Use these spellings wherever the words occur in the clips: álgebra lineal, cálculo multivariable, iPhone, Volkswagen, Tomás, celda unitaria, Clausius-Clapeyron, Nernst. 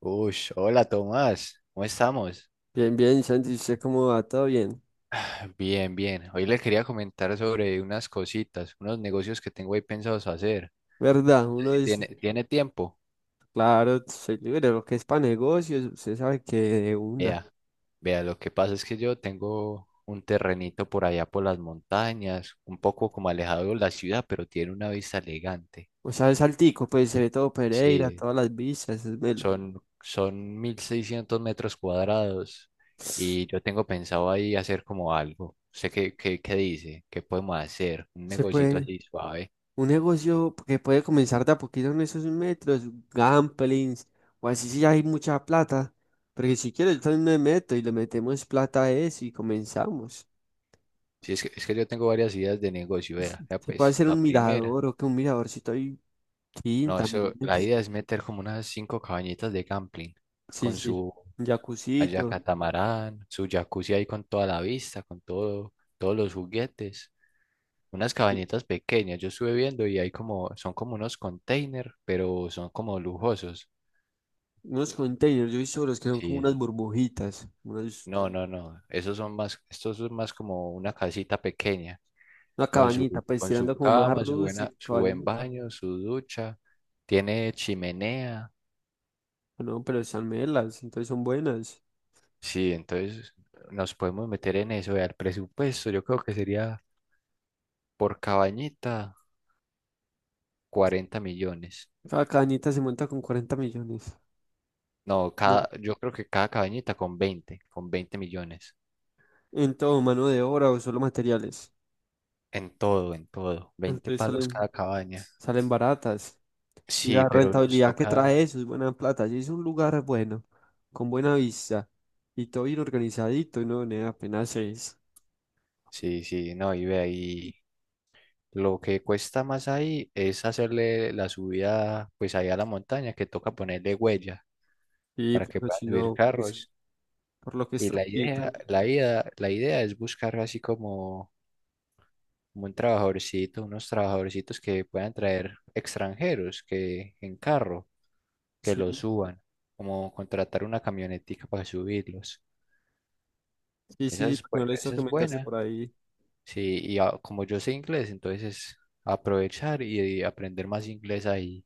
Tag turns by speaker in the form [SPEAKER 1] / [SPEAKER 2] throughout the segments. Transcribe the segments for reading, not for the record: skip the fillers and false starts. [SPEAKER 1] Uy, hola Tomás, ¿cómo estamos?
[SPEAKER 2] Bien, bien, Santi, ¿usted cómo va? ¿Todo bien?
[SPEAKER 1] Bien, bien. Hoy le quería comentar sobre unas cositas, unos negocios que tengo ahí pensados hacer.
[SPEAKER 2] ¿Verdad?
[SPEAKER 1] No sé
[SPEAKER 2] Uno
[SPEAKER 1] si
[SPEAKER 2] dice,
[SPEAKER 1] ¿tiene tiempo?
[SPEAKER 2] claro, soy libre, lo que es para negocios, usted sabe que de una.
[SPEAKER 1] Vea, vea, lo que pasa es que yo tengo un terrenito por allá por las montañas, un poco como alejado de la ciudad, pero tiene una vista elegante.
[SPEAKER 2] O sea, es altico, pues se ve todo Pereira,
[SPEAKER 1] Sí,
[SPEAKER 2] todas las vistas, es melo.
[SPEAKER 1] son 1.600 metros cuadrados y yo tengo pensado ahí hacer como algo. ¿Sé qué dice? ¿Qué podemos hacer? Un
[SPEAKER 2] Se
[SPEAKER 1] negocito
[SPEAKER 2] puede,
[SPEAKER 1] así suave.
[SPEAKER 2] un negocio que puede comenzar de a poquito en esos metros, gamblings, o así si hay mucha plata. Porque si quiero, yo también me meto y le metemos plata a eso y comenzamos.
[SPEAKER 1] Sí, es que yo tengo varias ideas de negocio, vea. Vea,
[SPEAKER 2] Se puede
[SPEAKER 1] pues,
[SPEAKER 2] hacer
[SPEAKER 1] la
[SPEAKER 2] un
[SPEAKER 1] primera.
[SPEAKER 2] mirador o que un miradorcito ahí estoy,
[SPEAKER 1] No,
[SPEAKER 2] también.
[SPEAKER 1] eso, la idea es meter como unas cinco cabañitas de camping
[SPEAKER 2] Sí,
[SPEAKER 1] con
[SPEAKER 2] sí,
[SPEAKER 1] su
[SPEAKER 2] un
[SPEAKER 1] allá
[SPEAKER 2] jacuzito.
[SPEAKER 1] catamarán, su jacuzzi ahí con toda la vista, con todo, todos los juguetes. Unas cabañitas pequeñas, yo estuve viendo y hay como, son como unos containers, pero son como lujosos.
[SPEAKER 2] Unos containers, yo he visto los que son
[SPEAKER 1] Sí,
[SPEAKER 2] como unas
[SPEAKER 1] es-
[SPEAKER 2] burbujitas,
[SPEAKER 1] no, no, no, esos son más, estos son más como una casita pequeña.
[SPEAKER 2] una
[SPEAKER 1] con su,
[SPEAKER 2] cabañita, pues
[SPEAKER 1] con su
[SPEAKER 2] tirando como más a
[SPEAKER 1] cama, su buena,
[SPEAKER 2] rústico,
[SPEAKER 1] su buen
[SPEAKER 2] cabañita.
[SPEAKER 1] baño, su ducha, tiene chimenea.
[SPEAKER 2] Ah, no, pero están melas, entonces son buenas.
[SPEAKER 1] Sí, entonces nos podemos meter en eso. Vea, el presupuesto, yo creo que sería por cabañita 40 millones.
[SPEAKER 2] Cada cabañita se monta con 40 millones,
[SPEAKER 1] No, cada,
[SPEAKER 2] ¿no?
[SPEAKER 1] yo creo que cada cabañita con veinte millones.
[SPEAKER 2] En todo, mano de obra o solo materiales.
[SPEAKER 1] En todo, en todo. veinte
[SPEAKER 2] Entonces
[SPEAKER 1] palos
[SPEAKER 2] salen,
[SPEAKER 1] cada cabaña.
[SPEAKER 2] salen baratas. Y
[SPEAKER 1] Sí,
[SPEAKER 2] la
[SPEAKER 1] pero nos
[SPEAKER 2] rentabilidad que
[SPEAKER 1] toca.
[SPEAKER 2] trae eso es buena plata. Si es un lugar bueno, con buena vista y todo bien organizadito, ¿no? Nea, apenas es.
[SPEAKER 1] Sí, sí, no, y ve ahí. Lo que cuesta más ahí es hacerle la subida, pues ahí a la montaña, que toca ponerle huella
[SPEAKER 2] Y
[SPEAKER 1] para que
[SPEAKER 2] porque
[SPEAKER 1] puedan
[SPEAKER 2] si
[SPEAKER 1] subir
[SPEAKER 2] no, pues,
[SPEAKER 1] carros.
[SPEAKER 2] por lo que es
[SPEAKER 1] Y la idea,
[SPEAKER 2] tranquilita.
[SPEAKER 1] la idea, la idea es buscar así como un trabajadorcito, unos trabajadorcitos que puedan traer extranjeros que en carro, que los
[SPEAKER 2] Sí.
[SPEAKER 1] suban, como contratar una camionetica para subirlos.
[SPEAKER 2] Sí, sí, porque no les
[SPEAKER 1] Esa
[SPEAKER 2] toque
[SPEAKER 1] es
[SPEAKER 2] meterse
[SPEAKER 1] buena.
[SPEAKER 2] por ahí.
[SPEAKER 1] Sí, y ah, como yo sé inglés, entonces aprovechar y aprender más inglés ahí.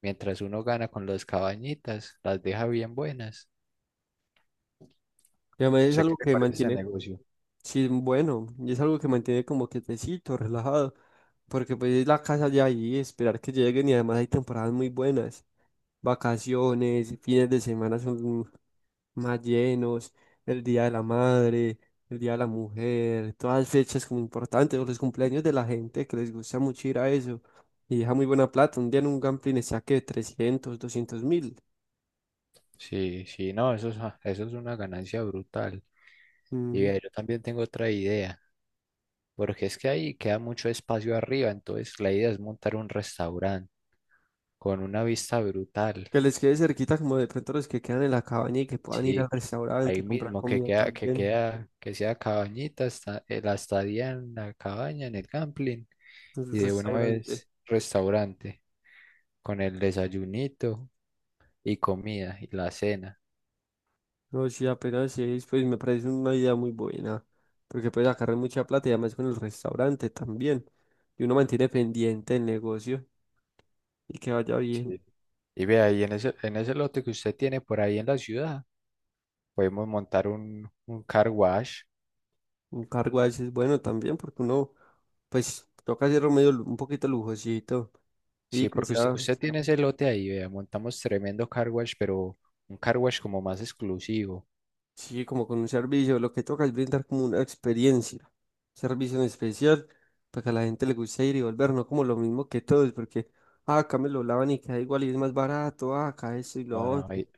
[SPEAKER 1] Mientras uno gana con las cabañitas, las deja bien buenas.
[SPEAKER 2] Y además es
[SPEAKER 1] Sé que
[SPEAKER 2] algo
[SPEAKER 1] te
[SPEAKER 2] que
[SPEAKER 1] parece ese
[SPEAKER 2] mantiene,
[SPEAKER 1] negocio.
[SPEAKER 2] sí, bueno, y es algo que mantiene como quietecito, relajado, porque pues es la casa de ahí, esperar que lleguen y además hay temporadas muy buenas, vacaciones, fines de semana son más llenos, el Día de la Madre, el Día de la Mujer, todas fechas como importantes, o los cumpleaños de la gente que les gusta mucho ir a eso, y deja muy buena plata, un día en un gambling está que 300, 200 mil.
[SPEAKER 1] Sí, sí, no, eso es una ganancia brutal. Y vea, yo también tengo otra idea, porque es que ahí queda mucho espacio arriba, entonces la idea es montar un restaurante con una vista brutal.
[SPEAKER 2] Que les quede cerquita como de pronto los que quedan en la cabaña y que puedan ir al
[SPEAKER 1] Sí,
[SPEAKER 2] restaurante
[SPEAKER 1] ahí
[SPEAKER 2] y comprar
[SPEAKER 1] mismo
[SPEAKER 2] comida también.
[SPEAKER 1] que sea cabañita, la estadía en la cabaña, en el camping,
[SPEAKER 2] En el
[SPEAKER 1] y de una
[SPEAKER 2] restaurante.
[SPEAKER 1] vez restaurante con el desayunito y comida y la cena.
[SPEAKER 2] No, sí, apenas sí, pues me parece una idea muy buena. Porque puedes sacar mucha plata y además con el restaurante también. Y uno mantiene pendiente el negocio y que vaya bien.
[SPEAKER 1] Sí. Y ve ahí en ese lote que usted tiene por ahí en la ciudad, podemos montar un car wash.
[SPEAKER 2] Un cargo a veces es bueno también porque uno, pues, toca hacerlo medio un poquito lujosito y
[SPEAKER 1] Sí,
[SPEAKER 2] que
[SPEAKER 1] porque usted,
[SPEAKER 2] sea.
[SPEAKER 1] usted tiene ese lote ahí, vea, montamos tremendo car wash, pero un car wash como más exclusivo.
[SPEAKER 2] Sí, como con un servicio, lo que toca es brindar como una experiencia, servicio en especial, para que a la gente le guste ir y volver, no como lo mismo que todos, porque ah, acá me lo lavan y queda igual y es más barato, ah, acá eso y lo
[SPEAKER 1] No, no,
[SPEAKER 2] otro.
[SPEAKER 1] ahí,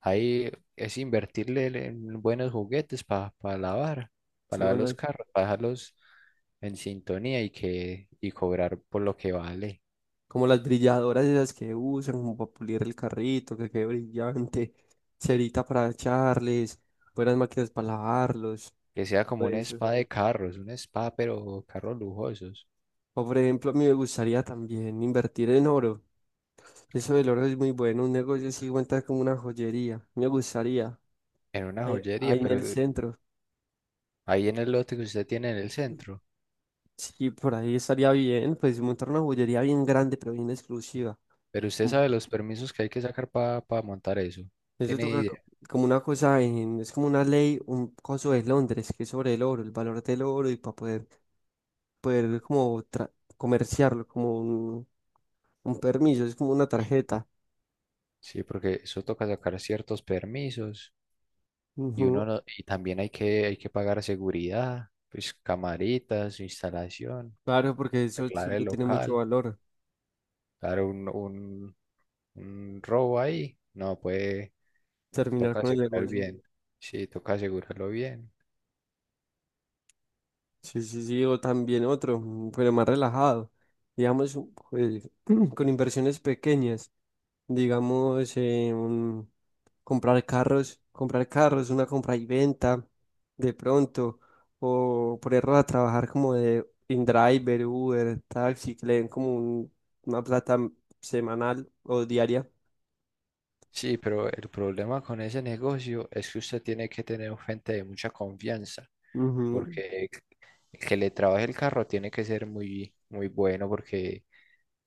[SPEAKER 1] ahí es invertirle en buenos juguetes lavar, para
[SPEAKER 2] Sí,
[SPEAKER 1] lavar los
[SPEAKER 2] bueno,
[SPEAKER 1] carros, para dejarlos en sintonía y cobrar por lo que vale.
[SPEAKER 2] como las brilladoras esas que usan, como para pulir el carrito, que quede brillante, cerita para echarles, buenas máquinas para lavarlos,
[SPEAKER 1] Que sea
[SPEAKER 2] todo
[SPEAKER 1] como un
[SPEAKER 2] eso.
[SPEAKER 1] spa de carros, un spa, pero carros lujosos,
[SPEAKER 2] O por ejemplo, a mí me gustaría también invertir en oro. Eso del oro es muy bueno, un negocio así, cuenta como una joyería. Me gustaría.
[SPEAKER 1] en una joyería,
[SPEAKER 2] Ahí en
[SPEAKER 1] pero
[SPEAKER 2] el centro.
[SPEAKER 1] ahí en el lote que usted tiene en el centro.
[SPEAKER 2] Sí, por ahí estaría bien, pues montar una joyería bien grande, pero bien exclusiva.
[SPEAKER 1] Pero usted
[SPEAKER 2] Mm.
[SPEAKER 1] sabe los permisos que hay que sacar para montar eso.
[SPEAKER 2] Eso
[SPEAKER 1] ¿Tiene
[SPEAKER 2] toca
[SPEAKER 1] idea?
[SPEAKER 2] como una cosa, es como una ley, un coso de Londres, que es sobre el oro, el valor del oro y para poder, como comerciarlo, como un permiso, es como una tarjeta.
[SPEAKER 1] Sí, porque eso toca sacar ciertos permisos y uno
[SPEAKER 2] Ujú.
[SPEAKER 1] no- y también hay que pagar seguridad, pues camaritas, instalación,
[SPEAKER 2] Claro, porque eso
[SPEAKER 1] arreglar el
[SPEAKER 2] siempre tiene mucho
[SPEAKER 1] local,
[SPEAKER 2] valor,
[SPEAKER 1] dar un robo ahí. No, puede,
[SPEAKER 2] terminar
[SPEAKER 1] toca
[SPEAKER 2] con el
[SPEAKER 1] asegurar
[SPEAKER 2] negocio.
[SPEAKER 1] bien. Sí, toca asegurarlo bien.
[SPEAKER 2] Sí, sí, sí, o también otro, pero más relajado, digamos, pues, con inversiones pequeñas. Digamos, comprar carros, una compra y venta, de pronto, o ponerlos a trabajar como de InDriver, Uber, taxi, que le den como una plata semanal o diaria.
[SPEAKER 1] Sí, pero el problema con ese negocio es que usted tiene que tener gente de mucha confianza.
[SPEAKER 2] Ujú.
[SPEAKER 1] Porque que le trabaje el carro tiene que ser muy, muy bueno porque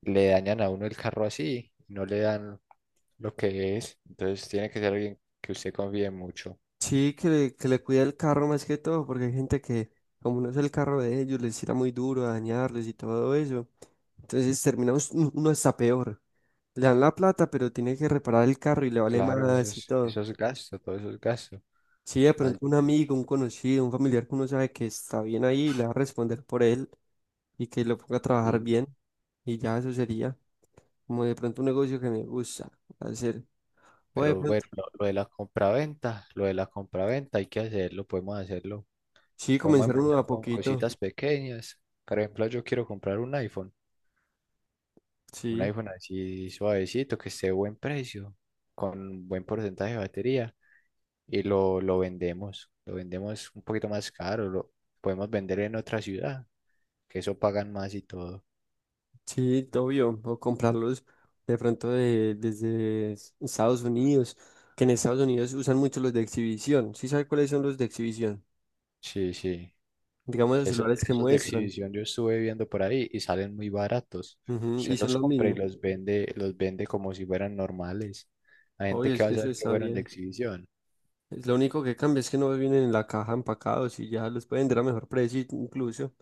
[SPEAKER 1] le dañan a uno el carro así, no le dan lo que es. Entonces tiene que ser alguien que usted confíe mucho.
[SPEAKER 2] Sí, que le cuide el carro más que todo, porque hay gente que, como no es el carro de ellos, les tira muy duro a dañarles y todo eso. Entonces terminamos uno está peor. Le dan la plata, pero tiene que reparar el carro y le vale
[SPEAKER 1] Claro,
[SPEAKER 2] más y todo.
[SPEAKER 1] eso es gasto, todo eso es gasto.
[SPEAKER 2] Si de pronto
[SPEAKER 1] Mal,
[SPEAKER 2] un amigo, un conocido, un familiar que uno sabe que está bien ahí le va a responder por él y que lo ponga a trabajar
[SPEAKER 1] sí.
[SPEAKER 2] bien y ya eso sería como de pronto un negocio que me gusta hacer. O de
[SPEAKER 1] Pero
[SPEAKER 2] pronto,
[SPEAKER 1] bueno, lo de la compraventa, lo de la compraventa hay que hacerlo.
[SPEAKER 2] sí,
[SPEAKER 1] Podemos
[SPEAKER 2] comenzar uno de a
[SPEAKER 1] empezar con
[SPEAKER 2] poquito.
[SPEAKER 1] cositas pequeñas. Por ejemplo, yo quiero comprar un
[SPEAKER 2] Sí,
[SPEAKER 1] iPhone así suavecito, que esté a buen precio, con buen porcentaje de batería. Y lo vendemos, lo vendemos un poquito más caro, lo podemos vender en otra ciudad, que eso pagan más y todo.
[SPEAKER 2] sí, obvio. O comprarlos de pronto desde Estados Unidos, que en Estados Unidos usan mucho los de exhibición. ¿Sí sabe cuáles son los de exhibición?
[SPEAKER 1] Sí, sí.
[SPEAKER 2] Digamos los
[SPEAKER 1] Esos,
[SPEAKER 2] celulares que
[SPEAKER 1] esos de
[SPEAKER 2] muestran.
[SPEAKER 1] exhibición yo estuve viendo por ahí y salen muy baratos.
[SPEAKER 2] Ujú,
[SPEAKER 1] Se
[SPEAKER 2] y son
[SPEAKER 1] los
[SPEAKER 2] lo
[SPEAKER 1] compra y
[SPEAKER 2] mismo.
[SPEAKER 1] los vende como si fueran normales. La gente
[SPEAKER 2] Obvio,
[SPEAKER 1] que
[SPEAKER 2] es
[SPEAKER 1] va
[SPEAKER 2] que
[SPEAKER 1] a
[SPEAKER 2] eso
[SPEAKER 1] saber que
[SPEAKER 2] está
[SPEAKER 1] fueron de
[SPEAKER 2] bien.
[SPEAKER 1] exhibición.
[SPEAKER 2] Es lo único que cambia es que no vienen en la caja empacados y ya los pueden vender a mejor precio incluso.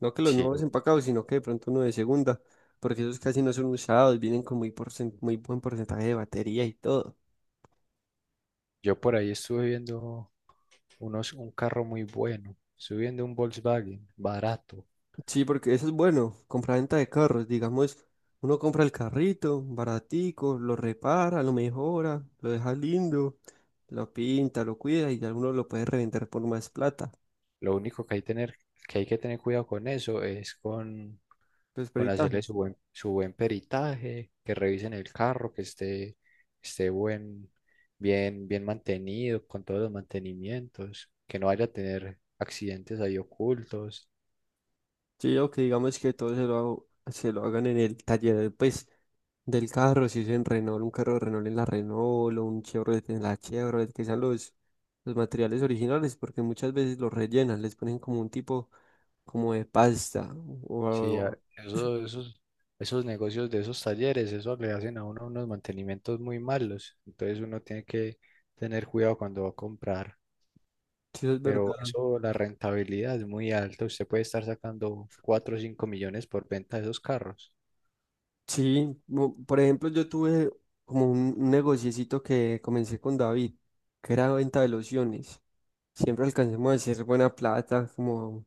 [SPEAKER 2] No que los
[SPEAKER 1] Sí,
[SPEAKER 2] nuevos empacados, sino que de pronto uno de segunda, porque esos casi no son usados, vienen con muy buen porcentaje de batería y todo.
[SPEAKER 1] yo por ahí estuve viendo unos, un carro muy bueno. Estuve viendo un Volkswagen barato.
[SPEAKER 2] Sí, porque eso es bueno, compra-venta de carros, digamos, uno compra el carrito baratico, lo repara, lo mejora, lo deja lindo, lo pinta, lo cuida y ya uno lo puede revender por más plata.
[SPEAKER 1] Lo único que hay, tener, que hay que tener cuidado con eso es
[SPEAKER 2] Los
[SPEAKER 1] con hacerle
[SPEAKER 2] peritajes.
[SPEAKER 1] su buen peritaje, que revisen el carro, que esté bien, bien mantenido, con todos los mantenimientos, que no vaya a tener accidentes ahí ocultos.
[SPEAKER 2] Sí, o que digamos que todo se lo hagan en el taller, pues, del carro, si es en Renault, un carro de Renault en la Renault, o un Chevrolet en la Chevrolet, que sean los materiales originales, porque muchas veces los rellenan, les ponen como un tipo, como de pasta,
[SPEAKER 1] Sí,
[SPEAKER 2] o.
[SPEAKER 1] a- eso- esos, esos negocios de esos talleres, eso le hacen a uno unos mantenimientos muy malos. Entonces uno tiene que tener cuidado cuando va a comprar.
[SPEAKER 2] si, eso es
[SPEAKER 1] Pero
[SPEAKER 2] verdad.
[SPEAKER 1] eso, la rentabilidad es muy alta. Usted puede estar sacando 4 o 5 millones por venta de esos carros.
[SPEAKER 2] Sí, por ejemplo, yo tuve como un negociecito que comencé con David, que era venta de lociones. Siempre alcancemos a hacer buena plata, como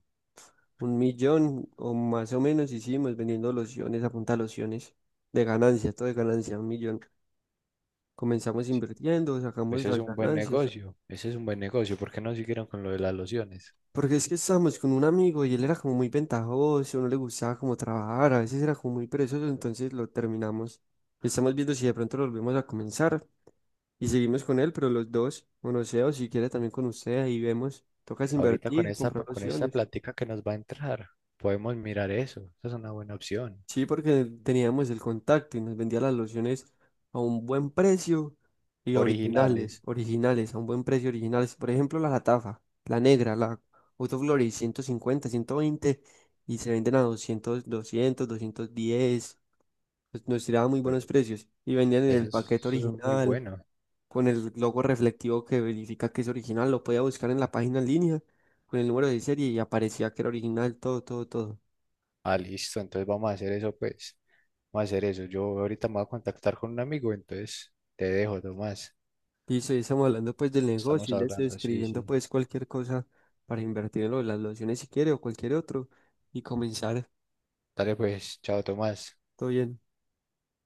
[SPEAKER 2] un millón o más o menos hicimos vendiendo lociones, a punta de lociones de ganancia, todo de ganancia, un millón. Comenzamos invirtiendo, sacamos
[SPEAKER 1] Ese es
[SPEAKER 2] las
[SPEAKER 1] un buen
[SPEAKER 2] ganancias.
[SPEAKER 1] negocio. Ese es un buen negocio. ¿Por qué no siguieron con lo de las lociones?
[SPEAKER 2] Porque es que estábamos con un amigo y él era como muy ventajoso, no le gustaba como trabajar, a veces era como muy perezoso, entonces lo terminamos. Estamos viendo si de pronto lo volvemos a comenzar y seguimos con él, pero los dos, o no sé, o si quiere también con usted, ahí vemos. Tocas
[SPEAKER 1] Ahorita con
[SPEAKER 2] invertir,
[SPEAKER 1] esta,
[SPEAKER 2] comprar
[SPEAKER 1] con esta
[SPEAKER 2] lociones.
[SPEAKER 1] plática que nos va a entrar, podemos mirar eso. Esa es una buena opción.
[SPEAKER 2] Sí, porque teníamos el contacto y nos vendía las lociones a un buen precio y originales,
[SPEAKER 1] Originales.
[SPEAKER 2] originales, a un buen precio originales. Por ejemplo, la Latafa, la negra, la Autoflores, 150, 120 y se venden a doscientos 210. Pues nos tiraban muy
[SPEAKER 1] Bueno,
[SPEAKER 2] buenos precios y vendían en el paquete
[SPEAKER 1] eso es muy
[SPEAKER 2] original
[SPEAKER 1] bueno.
[SPEAKER 2] con el logo reflectivo que verifica que es original. Lo podía buscar en la página en línea con el número de serie y aparecía que era original, todo, todo, todo.
[SPEAKER 1] Ah, listo. Entonces vamos a hacer eso, pues. Vamos a hacer eso. Yo ahorita me voy a contactar con un amigo, entonces te dejo, Tomás.
[SPEAKER 2] Listo, y estamos hablando pues del negocio
[SPEAKER 1] Estamos
[SPEAKER 2] y le estoy
[SPEAKER 1] hablando. Sí,
[SPEAKER 2] escribiendo
[SPEAKER 1] sí.
[SPEAKER 2] pues cualquier cosa para invertir en lo de las lociones si quiere o cualquier otro y comenzar.
[SPEAKER 1] Dale, pues. Chao, Tomás.
[SPEAKER 2] Todo bien.